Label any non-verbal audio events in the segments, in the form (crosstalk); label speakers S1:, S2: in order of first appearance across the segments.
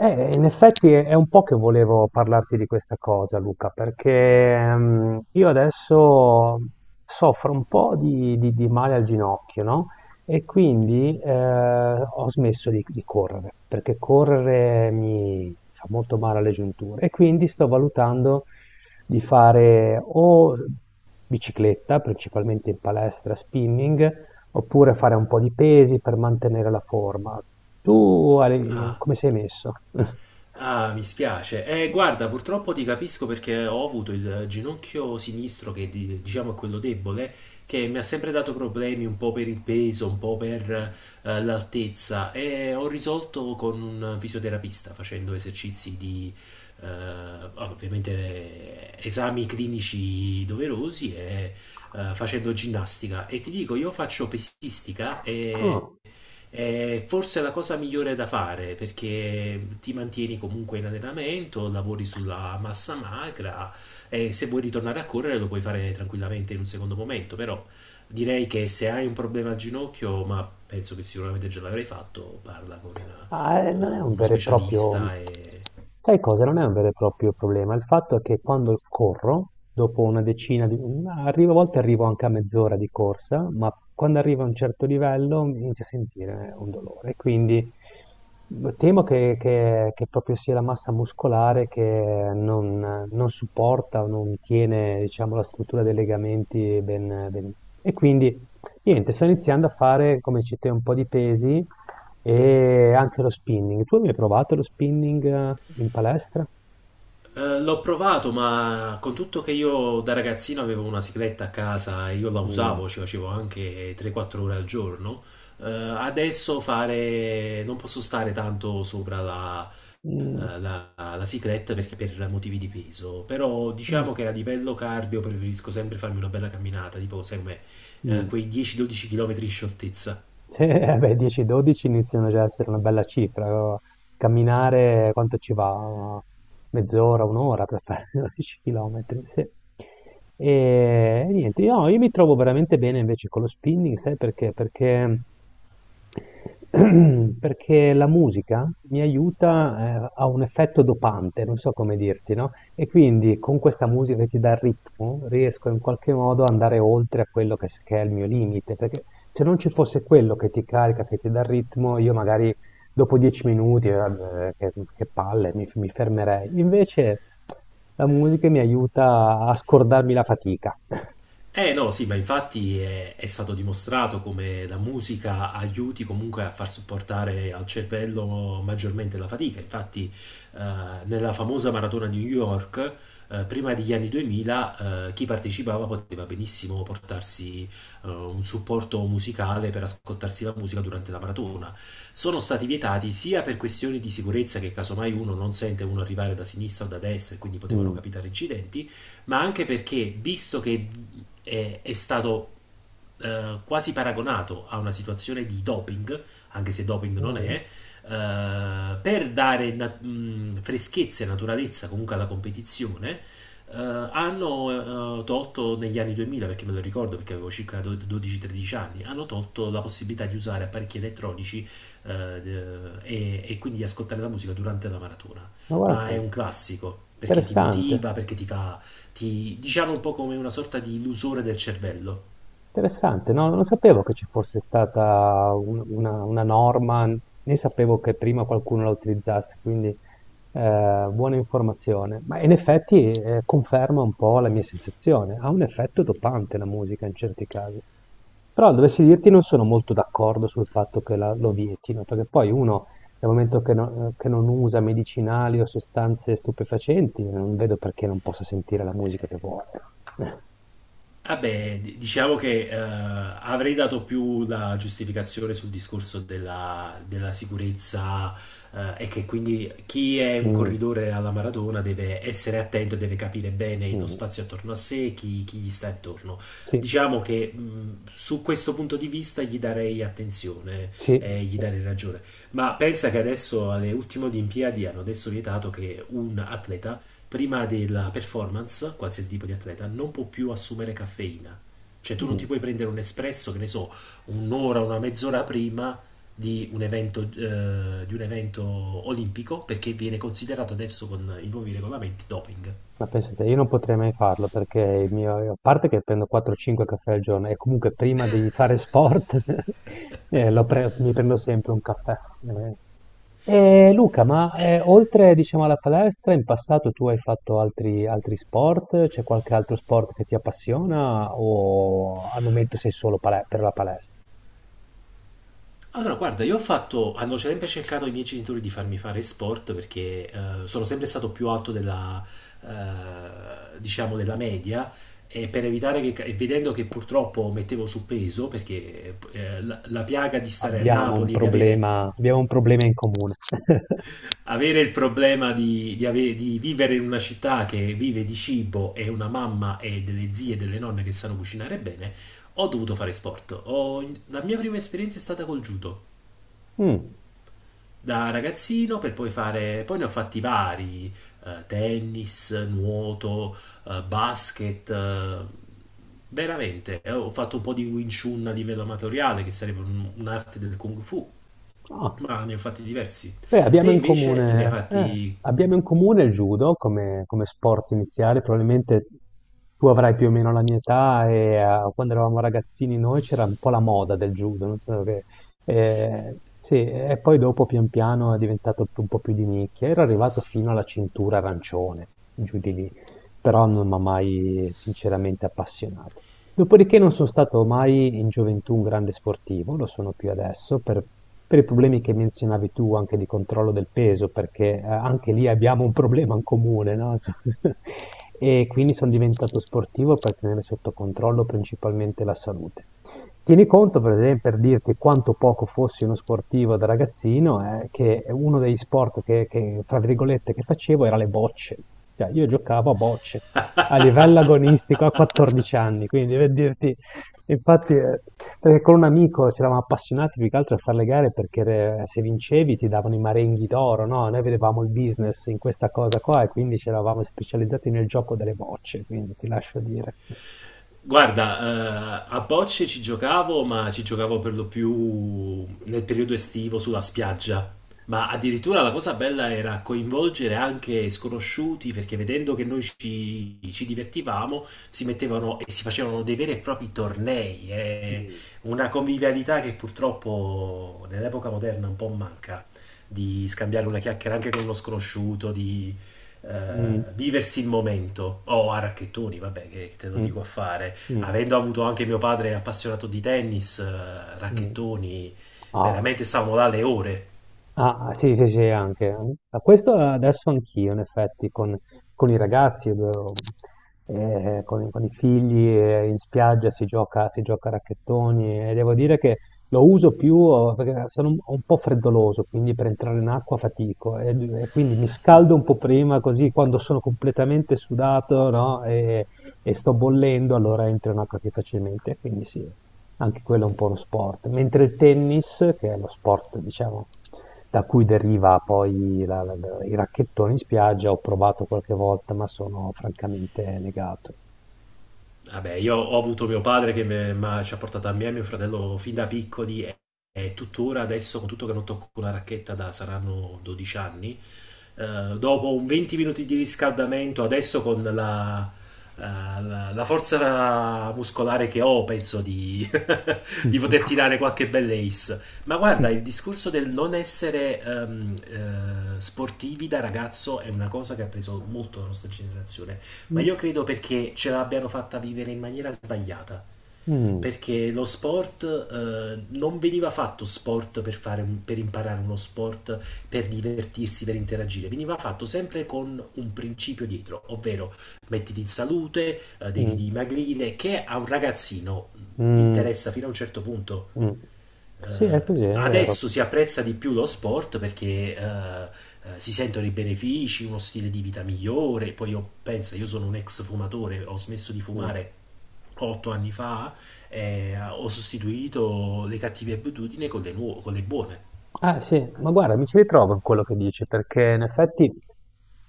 S1: In effetti è un po' che volevo parlarti di questa cosa, Luca, perché io adesso soffro un po' di male al ginocchio, no? E quindi ho smesso di correre, perché correre mi fa molto male alle giunture. E quindi sto valutando di fare o bicicletta, principalmente in palestra, spinning, oppure fare un po' di pesi per mantenere la forma. Tu Ale,
S2: Ah,
S1: come sei messo? (laughs)
S2: ah, mi spiace. Guarda, purtroppo ti capisco perché ho avuto il ginocchio sinistro, che diciamo è quello debole, che mi ha sempre dato problemi un po' per il peso, un po' per
S1: Mm.
S2: l'altezza e ho risolto con un fisioterapista facendo esercizi di, eh, ovviamente, esami clinici doverosi e facendo ginnastica. E ti dico, io faccio pesistica e
S1: Ah.
S2: è forse la cosa migliore da fare perché ti mantieni comunque in allenamento, lavori sulla massa magra e se vuoi ritornare a correre lo puoi fare tranquillamente in un secondo momento, però direi che se hai un problema al ginocchio, ma penso che sicuramente già l'avrai fatto, parla con
S1: Ma,
S2: eh,
S1: non è un
S2: uno
S1: vero e proprio,
S2: specialista e
S1: sai cosa? Non è un vero e proprio problema. Il fatto è che quando corro, dopo una decina di, ma arrivo, a volte arrivo anche a mezz'ora di corsa, ma quando arrivo a un certo livello mi inizio a sentire un dolore. Quindi temo che proprio sia la massa muscolare che non supporta o non tiene, diciamo, la struttura dei legamenti ben, ben. E quindi, niente, sto iniziando a fare, come dici te, un po' di pesi e anche lo spinning. Tu hai mai provato lo spinning in palestra?
S2: L'ho provato, ma con tutto che io da ragazzino avevo una sigletta a casa e io la
S1: Mm.
S2: usavo, ci facevo anche 3-4 ore al giorno. Adesso fare non posso stare tanto sopra la,
S1: Mm.
S2: la sigletta perché per motivi di peso. Però
S1: Mm.
S2: diciamo che a livello cardio preferisco sempre farmi una bella camminata, tipo, sai com'è,
S1: Mm.
S2: quei 10-12 km in scioltezza.
S1: Sì, (laughs) eh beh, 10-12 iniziano già a essere una bella cifra. Camminare quanto ci va? Mezz'ora, un'ora per fare (laughs) 12 km, sì. E niente, io mi trovo veramente bene invece con lo spinning, sai perché? (clears throat) Perché la musica mi aiuta, ha un effetto dopante, non so come dirti, no? E quindi con questa musica che ti dà il ritmo riesco in qualche modo ad andare oltre a quello che, che è il mio limite, perché se non ci fosse quello che ti carica, che ti dà il ritmo, io magari dopo 10 minuti, vabbè, che palle, mi fermerei. Invece la musica mi aiuta a scordarmi la fatica.
S2: Eh no, sì, ma infatti è stato dimostrato come la musica aiuti comunque a far supportare al cervello maggiormente la fatica. Infatti, eh, nella famosa maratona di New York, prima degli anni 2000, chi partecipava poteva benissimo portarsi un supporto musicale per ascoltarsi la musica durante la maratona. Sono stati vietati sia per questioni di sicurezza che casomai uno non sente uno arrivare da sinistra o da destra e quindi potevano
S1: Mm.
S2: capitare incidenti, ma anche perché, visto che è stato quasi paragonato a una situazione di doping, anche se doping non
S1: Mm.
S2: è, per dare freschezza e naturalezza comunque alla competizione, hanno tolto negli anni 2000, perché me lo ricordo perché avevo circa 12-13 anni, hanno tolto la possibilità di usare apparecchi elettronici e quindi di ascoltare la musica durante la maratona.
S1: Ma guarda un
S2: Ma è
S1: po',
S2: un classico perché ti
S1: interessante.
S2: motiva, perché ti fa ti diciamo un po' come una sorta di illusore del cervello.
S1: Interessante, no, non sapevo che ci fosse stata una norma, né sapevo che prima qualcuno la utilizzasse, quindi buona informazione. Ma in effetti conferma un po' la mia sensazione, ha un effetto dopante la musica in certi casi. Però dovessi dirti non sono molto d'accordo sul fatto che lo vietino, perché poi uno dal momento che, che non usa medicinali o sostanze stupefacenti, non vedo perché non possa sentire la musica che vuole. (laughs)
S2: Vabbè, diciamo che avrei dato più la giustificazione sul discorso della sicurezza e che quindi chi è un
S1: Mm,
S2: corridore alla maratona deve essere attento e deve capire bene lo
S1: mm,
S2: spazio attorno a sé, chi gli sta attorno.
S1: sì,
S2: Diciamo che su questo punto di vista gli darei attenzione
S1: sì,
S2: e gli darei ragione. Ma pensa che adesso alle ultime Olimpiadi hanno adesso vietato che un atleta prima della performance, qualsiasi tipo di atleta, non può più assumere caffeina. Cioè tu non ti
S1: mm.
S2: puoi prendere un espresso, che ne so, un'ora, una mezz'ora prima di un evento olimpico, perché viene considerato adesso con i nuovi regolamenti doping.
S1: Ma pensate, io non potrei mai farlo perché il mio, a parte che prendo 4-5 caffè al giorno e comunque prima di fare sport (laughs) lo mi prendo sempre un caffè. E Luca, ma oltre diciamo alla palestra, in passato tu hai fatto altri, altri sport? C'è qualche altro sport che ti appassiona o al momento sei solo per la palestra?
S2: Allora, guarda, io ho fatto, hanno sempre cercato i miei genitori di farmi fare sport perché sono sempre stato più alto della, diciamo, della media e per evitare che, e vedendo che purtroppo mettevo su peso, perché la piaga di stare a Napoli e di avere,
S1: Abbiamo un problema in comune. (laughs)
S2: avere il problema di vivere in una città che vive di cibo e una mamma e delle zie e delle nonne che sanno cucinare bene, ho dovuto fare sport. La mia prima esperienza è stata col judo,
S1: Mm.
S2: da ragazzino, per poi fare, poi ne ho fatti vari, tennis, nuoto, basket, veramente. Ho fatto un po' di Wing Chun a livello amatoriale che sarebbe un'arte del Kung Fu,
S1: Ah.
S2: ma ne ho fatti diversi.
S1: Beh,
S2: Te invece ne hai fatti.
S1: abbiamo in comune il judo come sport iniziale, probabilmente tu avrai più o meno la mia età e quando eravamo ragazzini noi c'era un po' la moda del judo, non so sì, e poi dopo pian piano è diventato un po' più di nicchia, ero arrivato fino alla cintura arancione, giù di lì, però non mi ha mai sinceramente appassionato. Dopodiché non sono stato mai in gioventù un grande sportivo, lo sono più adesso per, i problemi che menzionavi tu anche di controllo del peso, perché anche lì abbiamo un problema in comune, no? (laughs) E quindi sono diventato sportivo per tenere sotto controllo principalmente la salute. Tieni conto, per esempio, per dirti quanto poco fossi uno sportivo da ragazzino, che uno degli sport tra virgolette, che facevo era le bocce. Cioè, io giocavo a bocce a livello agonistico a 14 anni, quindi per dirti, infatti con un amico ci eravamo appassionati più che altro a fare le gare perché se vincevi ti davano i marenghi d'oro, no? Noi vedevamo il business in questa cosa qua e quindi ci eravamo specializzati nel gioco delle bocce, quindi ti lascio dire.
S2: Guarda, a bocce ci giocavo, ma ci giocavo per lo più nel periodo estivo sulla spiaggia. Ma addirittura la cosa bella era coinvolgere anche sconosciuti, perché vedendo che noi ci divertivamo, si mettevano e si facevano dei veri e propri tornei. Una convivialità che purtroppo nell'epoca moderna un po' manca, di scambiare una chiacchiera anche con uno sconosciuto, di eh,
S1: Mm,
S2: viversi il momento. O a racchettoni, vabbè, che te lo
S1: mm,
S2: dico a fare,
S1: mm,
S2: avendo avuto anche mio padre appassionato di tennis,
S1: mm.
S2: racchettoni,
S1: Ah.
S2: veramente stavamo là le ore.
S1: Ah, sì, sì, sì, anche. Ma questo adesso anch'io, in effetti, con i ragazzi, con i figli, in spiaggia si gioca a racchettoni e devo dire che lo uso più perché sono un po' freddoloso, quindi per entrare in acqua fatico e quindi mi scaldo un po' prima, così quando sono completamente sudato, no, e sto bollendo, allora entro in acqua più facilmente, quindi sì. Anche quello è un po' uno sport, mentre il tennis, che è lo sport, diciamo, da cui deriva poi i racchettoni in spiaggia, ho provato qualche volta, ma sono francamente negato.
S2: Vabbè, io ho avuto mio padre che ci ha portato a me e a mio fratello fin da piccoli e tuttora adesso, con tutto che non tocco una racchetta da saranno 12 anni, dopo un 20 minuti di riscaldamento, adesso con la, la forza muscolare che ho, penso di poter
S1: (laughs)
S2: tirare qualche bella ace. Ma guarda, il discorso del non essere sportivi da ragazzo è una cosa che ha preso molto la nostra generazione, ma
S1: Mm,
S2: io credo perché ce l'abbiano fatta vivere in maniera sbagliata.
S1: mm,
S2: Perché lo sport non veniva fatto sport per fare per imparare uno sport, per divertirsi, per interagire, veniva fatto sempre con un principio dietro, ovvero mettiti in salute, devi
S1: mm,
S2: dimagrire, che a un ragazzino
S1: mm.
S2: interessa fino a un certo punto.
S1: Mm. Sì, è così, è vero.
S2: Adesso si apprezza di più lo sport perché si sentono i benefici, uno stile di vita migliore. Poi io penso, io sono un ex fumatore, ho smesso di
S1: Mm.
S2: fumare 8 anni fa, ho sostituito le cattive abitudini con con le buone.
S1: Ah sì, ma guarda, mi ci ritrovo in quello che dici, perché in effetti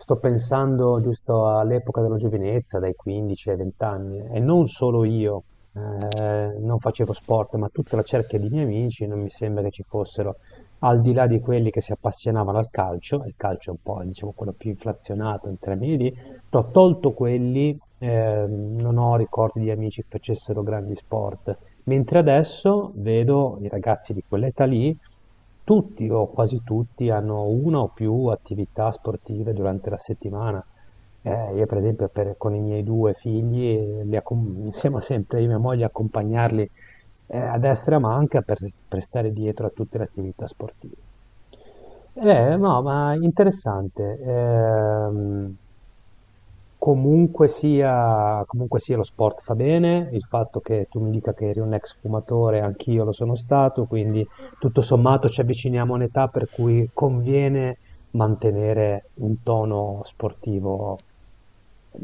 S1: sto pensando giusto all'epoca della giovinezza, dai 15 ai 20 anni, e non solo io, non facevo sport, ma tutta la cerchia di miei amici, non mi sembra che ci fossero, al di là di quelli che si appassionavano al calcio, e il calcio è un po', diciamo, quello più inflazionato in termini di, ho tolto quelli, non ho ricordi di amici che facessero grandi sport. Mentre adesso vedo i ragazzi di quell'età lì, tutti o quasi tutti hanno una o più attività sportive durante la settimana. Io per esempio con i miei due figli li siamo sempre io e mia moglie a accompagnarli a destra e a manca per, stare dietro a tutte le attività sportive. No, ma interessante. Comunque sia lo sport fa bene, il fatto che tu mi dica che eri un ex fumatore, anch'io lo sono stato, quindi tutto sommato ci avviciniamo a un'età per cui conviene mantenere un tono sportivo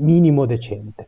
S1: minimo decente.